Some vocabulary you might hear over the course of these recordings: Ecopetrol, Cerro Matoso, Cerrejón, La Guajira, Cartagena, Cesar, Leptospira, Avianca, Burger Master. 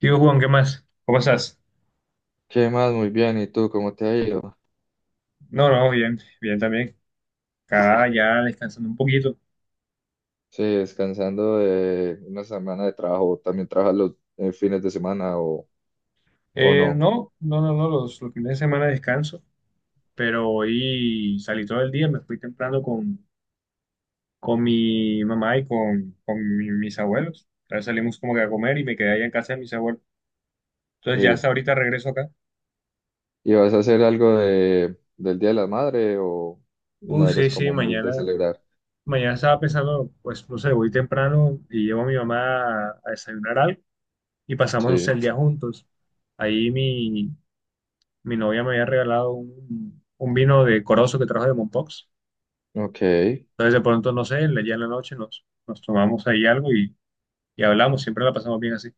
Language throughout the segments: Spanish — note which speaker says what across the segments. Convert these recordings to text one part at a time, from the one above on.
Speaker 1: ¿Y vos, Juan, qué más? ¿Cómo estás?
Speaker 2: ¿Qué más? Muy bien. ¿Y tú cómo te ha ido?
Speaker 1: No, no, bien, bien también. Acá ya descansando un poquito.
Speaker 2: Sí, descansando de una semana de trabajo. ¿También trabajas los fines de semana o no?
Speaker 1: No, no, no, no, los fines de semana descanso, pero hoy salí todo el día, me fui temprano con mi mamá y mis abuelos. Entonces salimos como que a comer y me quedé allá en casa de mis abuelos. Entonces ya hasta
Speaker 2: Sí.
Speaker 1: ahorita regreso acá.
Speaker 2: ¿Y vas a hacer algo del Día de la Madre o no eres
Speaker 1: Sí, sí,
Speaker 2: como muy
Speaker 1: mañana,
Speaker 2: de celebrar?
Speaker 1: mañana estaba pensando, pues no sé, voy temprano y llevo a mi mamá a desayunar algo y pasamos, no sé, el
Speaker 2: Sí.
Speaker 1: día juntos. Ahí mi, Mi novia me había regalado un vino de Corozo que trajo de Mompox.
Speaker 2: Ok.
Speaker 1: Entonces de pronto, no sé, ya en la noche nos tomamos ahí algo y hablamos, siempre la pasamos bien así.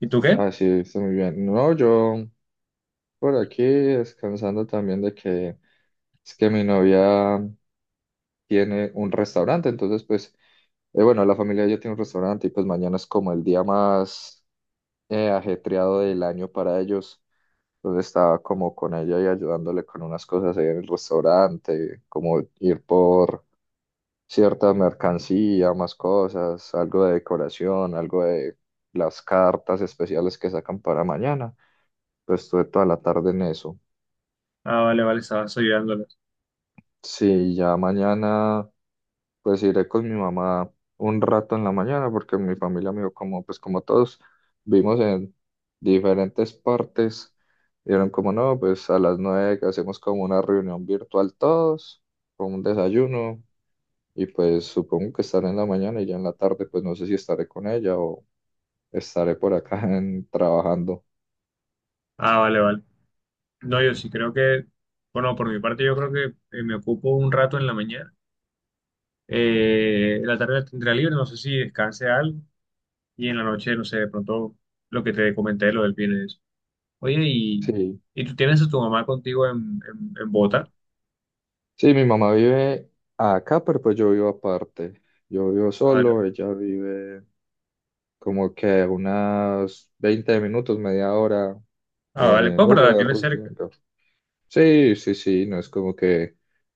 Speaker 1: ¿Y tú qué?
Speaker 2: Así está muy bien. No, yo por aquí descansando también de que es que mi novia tiene un restaurante. Entonces, pues, bueno, la familia ya tiene un restaurante y pues mañana es como el día más. Ajetreado del año para ellos. Entonces estaba como con ella y ayudándole con unas cosas ahí en el restaurante, como ir por cierta mercancía, más cosas, algo de decoración, algo de las cartas especiales que sacan para mañana. Pues estuve toda la tarde en eso.
Speaker 1: Ah, vale, vale, estabas ayudándoles.
Speaker 2: Sí, ya mañana pues iré con mi mamá un rato en la mañana porque mi familia, me como pues como todos vimos en diferentes partes, dieron como no pues a las nueve que hacemos como una reunión virtual todos con un desayuno. Y pues supongo que estaré en la mañana y ya en la tarde pues no sé si estaré con ella o estaré por acá en- trabajando.
Speaker 1: Ah, vale, vale. No, yo sí creo que, bueno, por mi parte yo creo que me ocupo un rato en la mañana. La tarde la tendré libre, no sé si descanse algo. Y en la noche, no sé, de pronto lo que te comenté, lo del viernes. Oye, ¿
Speaker 2: Sí,
Speaker 1: y tú tienes a tu mamá contigo en Bogotá?
Speaker 2: sí mi mamá vive acá pero pues yo vivo aparte, yo vivo solo, ella vive como que unas 20 minutos, media hora
Speaker 1: Ah, vale.
Speaker 2: en
Speaker 1: Pues, pero la tienes
Speaker 2: Uber
Speaker 1: cerca.
Speaker 2: yendo. Sí, sí, sí, no es como que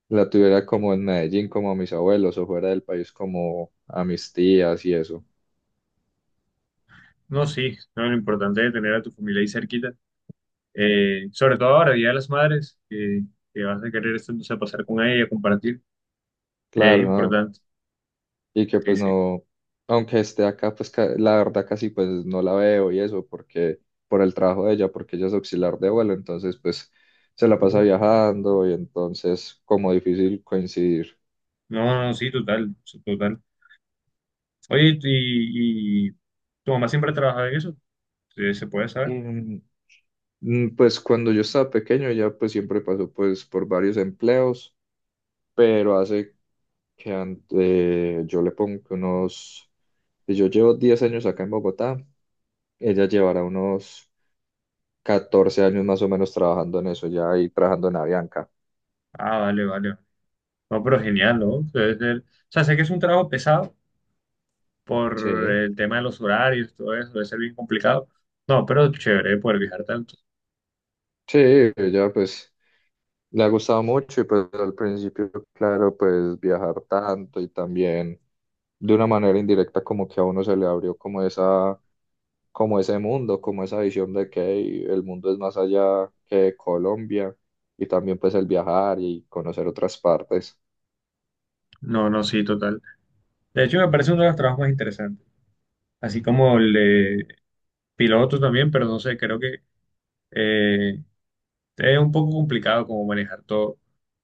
Speaker 2: la tuviera como en Medellín, como a mis abuelos, o fuera del país, como a mis tías y eso.
Speaker 1: No, sí, no, lo importante es tener a tu familia ahí cerquita. Sobre todo ahora, Día de las Madres, que vas a querer este, entonces, pasar con ella, compartir. Es
Speaker 2: Claro, ¿no?
Speaker 1: importante.
Speaker 2: Y que
Speaker 1: Sí,
Speaker 2: pues
Speaker 1: sí.
Speaker 2: no, aunque esté acá, pues ca- la verdad casi pues no la veo y eso, porque por el trabajo de ella, porque ella es auxiliar de vuelo, entonces pues se la
Speaker 1: Uh,
Speaker 2: pasa viajando y entonces como difícil coincidir.
Speaker 1: no, no, sí, total, sí, total. Oye, ¿ y tu mamá siempre ha trabajado en eso? Sí, ¿se puede saber?
Speaker 2: Em, Pues cuando yo estaba pequeño ya pues siempre pasó pues por varios empleos, pero hace que ante- yo le pongo que unos, si yo llevo 10 años acá en Bogotá, ella llevará unos 14 años más o menos trabajando en eso ya, y trabajando en Avianca.
Speaker 1: Ah, vale, vale. No, pero genial, ¿no? Debe ser... O sea, sé que es un trabajo pesado por
Speaker 2: Sí,
Speaker 1: el tema de los horarios, todo eso, debe ser bien complicado. No, pero chévere poder viajar tanto.
Speaker 2: sí, ella pues le ha gustado mucho y pues al principio, claro, pues viajar tanto y también de una manera indirecta como que a uno se le abrió como ese mundo, como esa visión de que hey, el mundo es más allá que Colombia, y también pues el viajar y conocer otras partes.
Speaker 1: No, no, sí, total. De hecho, me parece uno de los trabajos más interesantes. Así como el de piloto también, pero no sé, creo que eh, es un poco complicado como manejar todo,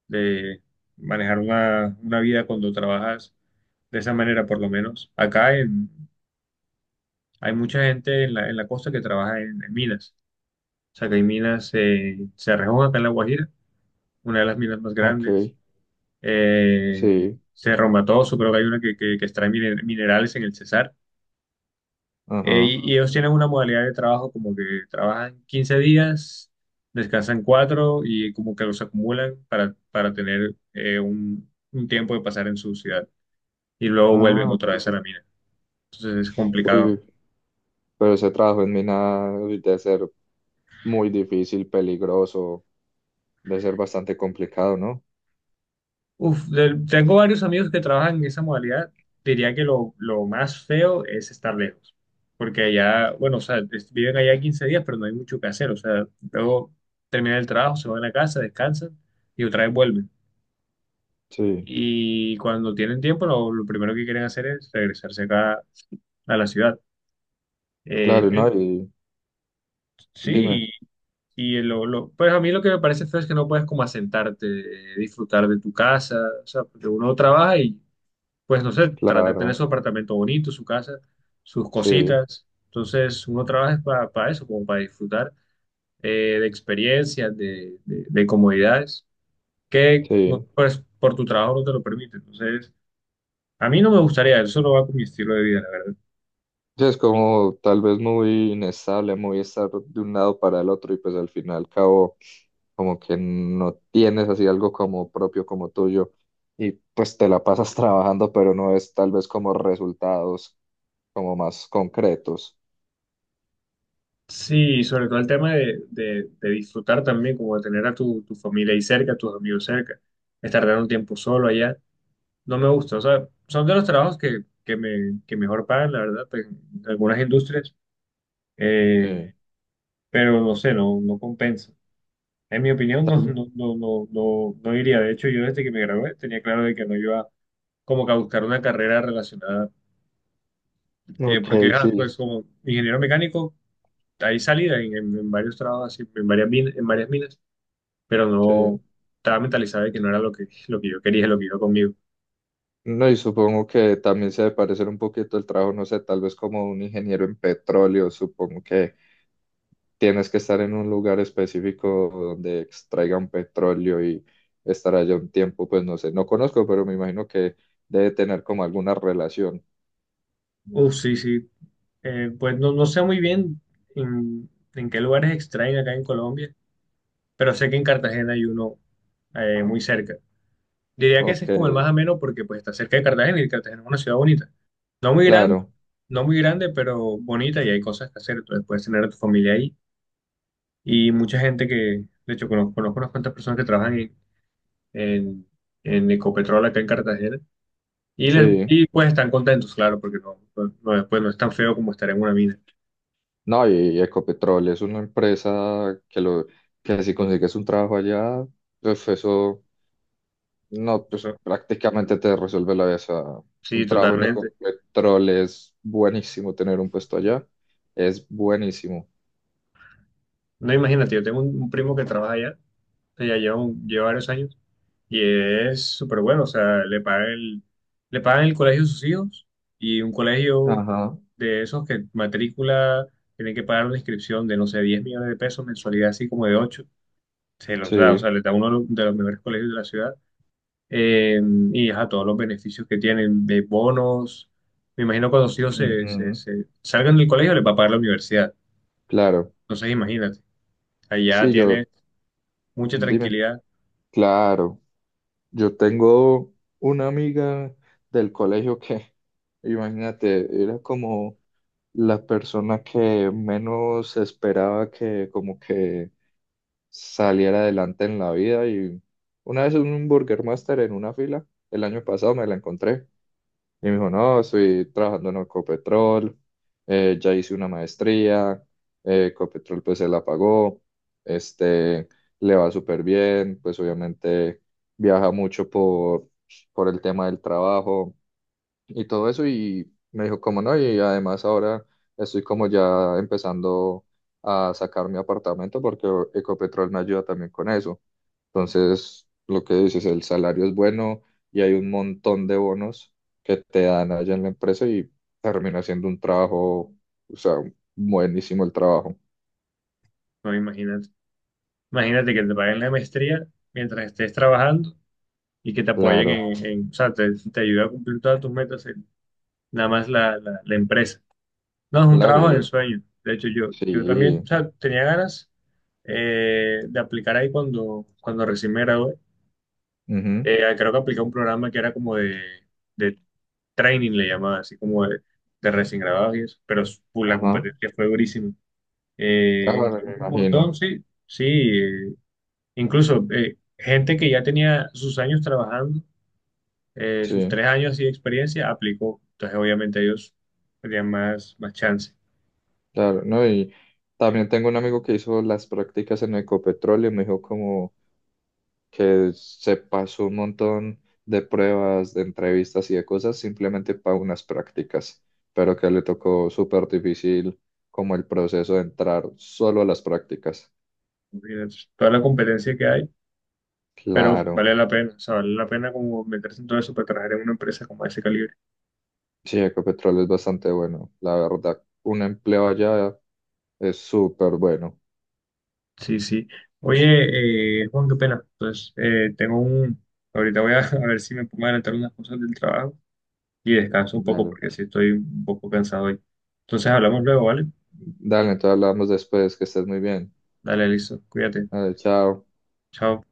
Speaker 1: de manejar una vida cuando trabajas de esa manera, por lo menos. Acá en... hay mucha gente en la costa que trabaja en minas. O sea, que hay minas, Cerrejón, acá en La Guajira, una de las minas más grandes.
Speaker 2: Ok, sí,
Speaker 1: Cerro Matoso, creo que hay una que extrae mine- minerales en el Cesar.
Speaker 2: ajá.
Speaker 1: Y ellos tienen una modalidad de trabajo como que trabajan 15 días, descansan 4 y como que los acumulan para tener un tiempo de pasar en su ciudad y luego vuelven
Speaker 2: Ah,
Speaker 1: otra vez a
Speaker 2: ok.
Speaker 1: la mina. Entonces es complicado.
Speaker 2: Uy, pero ese trabajo en mina debe ser muy difícil, peligroso, debe ser bastante complicado, ¿no?
Speaker 1: Uf, de- tengo varios amigos que trabajan en esa modalidad. Diría que lo más feo es estar lejos, porque allá, bueno, o sea, es- viven allá 15 días, pero no hay mucho que hacer. O sea, luego terminan el trabajo, se van a la casa, descansan y otra vez vuelven.
Speaker 2: Sí,
Speaker 1: Y cuando tienen tiempo lo primero que quieren hacer es regresarse acá a la ciudad. Eh,
Speaker 2: claro, ¿no?
Speaker 1: en-
Speaker 2: Y dime,
Speaker 1: sí, y pues a mí lo que me parece feo es que no puedes como asentarte, disfrutar de tu casa, o sea, porque uno trabaja y pues no sé, trata de tener
Speaker 2: claro,
Speaker 1: su apartamento bonito, su casa, sus
Speaker 2: sí,
Speaker 1: cositas. Entonces uno trabaja para eso, como para disfrutar de experiencias, de comodidades, que no,
Speaker 2: sí.
Speaker 1: pues, por tu trabajo no te lo permite. Entonces... a mí no me gustaría, eso no va con mi estilo de vida.
Speaker 2: Sí, es como tal vez muy inestable, muy estar de un lado para el otro y pues al final al cabo como que no tienes así algo como propio, como tuyo, y pues te la pasas trabajando pero no es tal vez como resultados como más concretos.
Speaker 1: Sí, sobre todo el tema de disfrutar también, como de tener a tu familia ahí cerca, a tus amigos cerca, estar dando un tiempo solo allá, no me gusta. O sea, son de los trabajos que mejor pagan, la verdad, pues, en algunas industrias, eh,
Speaker 2: Sí.
Speaker 1: pero no sé, no, no compensa. En mi opinión,
Speaker 2: Tal
Speaker 1: no,
Speaker 2: vez.
Speaker 1: no, no, no, no, no iría. De hecho, yo desde que me gradué tenía claro de que no iba como que a buscar una carrera relacionada,
Speaker 2: Ok,
Speaker 1: porque ah, pues
Speaker 2: sí,
Speaker 1: como ingeniero mecánico, ahí salida en varios trabajos, así, en varias min- en varias minas, pero no
Speaker 2: sí.
Speaker 1: estaba mentalizado de que no era lo que yo quería, lo que iba conmigo.
Speaker 2: No, y supongo que también se debe parecer un poquito el trabajo, no sé, tal vez como un ingeniero en petróleo, supongo que tienes que estar en un lugar específico donde extraigan petróleo y estar allá un tiempo, pues no sé, no conozco, pero me imagino que debe tener como alguna relación.
Speaker 1: Uf, sí, sí. Pues no, no sé muy bien en, en qué lugares extraen acá en Colombia, pero sé que en Cartagena hay uno muy cerca. Diría que ese
Speaker 2: Ok,
Speaker 1: es como el más ameno porque pues está cerca de Cartagena y Cartagena es una ciudad bonita. No muy grande,
Speaker 2: claro,
Speaker 1: no muy grande, pero bonita y hay cosas que hacer. Entonces puedes tener a tu familia ahí y mucha gente que, de hecho, conozco, conozco unas cuantas personas que trabajan en, en Ecopetrol acá en Cartagena.
Speaker 2: sí.
Speaker 1: Y pues están contentos, claro, porque no, no, no, después no es tan feo como estar en una mina.
Speaker 2: No, y Ecopetrol es una empresa que lo que si consigues un trabajo allá, pues eso no, pues
Speaker 1: ¿No?
Speaker 2: prácticamente te resuelve la vida. O sea,
Speaker 1: Sí,
Speaker 2: un trabajo en
Speaker 1: totalmente.
Speaker 2: Ecopetrol es buenísimo, tener un puesto allá es buenísimo.
Speaker 1: No, imagínate, yo tengo un primo que trabaja allá, que ya lleva, un- lleva varios años, y es súper bueno, o sea, le pagan el colegio a sus hijos, y un colegio
Speaker 2: Ajá,
Speaker 1: de esos que matrícula, tiene que pagar una inscripción de, no sé, 10 millones de pesos, mensualidad así como de 8 se los da, o sea,
Speaker 2: sí.
Speaker 1: le da uno de los mejores colegios de la ciudad, eh, y a todos los beneficios que tienen de bonos. Me imagino cuando los hijos se, se-
Speaker 2: Ujú.
Speaker 1: se salgan del colegio les va a pagar la universidad.
Speaker 2: Claro,
Speaker 1: Entonces imagínate, allá
Speaker 2: sí,
Speaker 1: tiene
Speaker 2: yo,
Speaker 1: mucha
Speaker 2: dime,
Speaker 1: tranquilidad.
Speaker 2: claro, yo tengo una amiga del colegio que, imagínate, era como la persona que menos esperaba que como que saliera adelante en la vida. Y una vez en un Burger Master en una fila, el año pasado me la encontré. Y me dijo, no, estoy trabajando en Ecopetrol, ya hice una maestría, Ecopetrol pues se la pagó, este, le va súper bien, pues obviamente viaja mucho por el tema del trabajo y todo eso. Y me dijo, como no, y además ahora estoy como ya empezando a sacar mi apartamento porque Ecopetrol me ayuda también con eso. Entonces, lo que dices, el salario es bueno y hay un montón de bonos que te dan allá en la empresa y termina siendo un trabajo, o sea, buenísimo el trabajo.
Speaker 1: No, imagínate. Imagínate que te paguen la maestría mientras estés trabajando y que te apoyen
Speaker 2: Claro,
Speaker 1: en- o sea, te ayuda a cumplir todas tus metas, nada más la empresa. No, es un
Speaker 2: claro,
Speaker 1: trabajo del
Speaker 2: y
Speaker 1: sueño. De hecho, yo también,
Speaker 2: sí,
Speaker 1: o sea, tenía ganas de aplicar ahí cuando recién me gradué.
Speaker 2: ujú,
Speaker 1: Creo que apliqué un programa que era como de training, le llamaba, así como de recién grabados y eso, pero su- la
Speaker 2: ajá,
Speaker 1: competencia fue durísima.
Speaker 2: claro, me
Speaker 1: Entramos un montón,
Speaker 2: imagino,
Speaker 1: sí, sí, incluso gente que ya tenía sus años trabajando, sus
Speaker 2: sí,
Speaker 1: 3 años así de experiencia, aplicó, entonces obviamente ellos tenían más, más chance.
Speaker 2: claro, no, y también tengo un amigo que hizo las prácticas en Ecopetrol y me dijo como, que se pasó un montón de pruebas, de entrevistas y de cosas simplemente para unas prácticas, pero que le tocó súper difícil como el proceso de entrar solo a las prácticas.
Speaker 1: Imagínate, toda la competencia que hay, pero
Speaker 2: Claro,
Speaker 1: vale la pena, o sea, vale la pena como meterse en todo eso para trabajar en una empresa como ese calibre.
Speaker 2: sí, Ecopetrol es bastante bueno, la verdad. Un empleo allá es súper bueno.
Speaker 1: Sí, sí. Oye, Juan, qué pena. Entonces, tengo un... Ahorita voy a, a ver si me pongo a adelantar unas cosas del trabajo y descanso un poco
Speaker 2: Dale,
Speaker 1: porque sí estoy un poco cansado hoy. Entonces, hablamos luego, ¿vale?
Speaker 2: entonces hablamos después, que estés muy bien.
Speaker 1: Dale, listo. Cuídate.
Speaker 2: Dale, chao.
Speaker 1: Chao.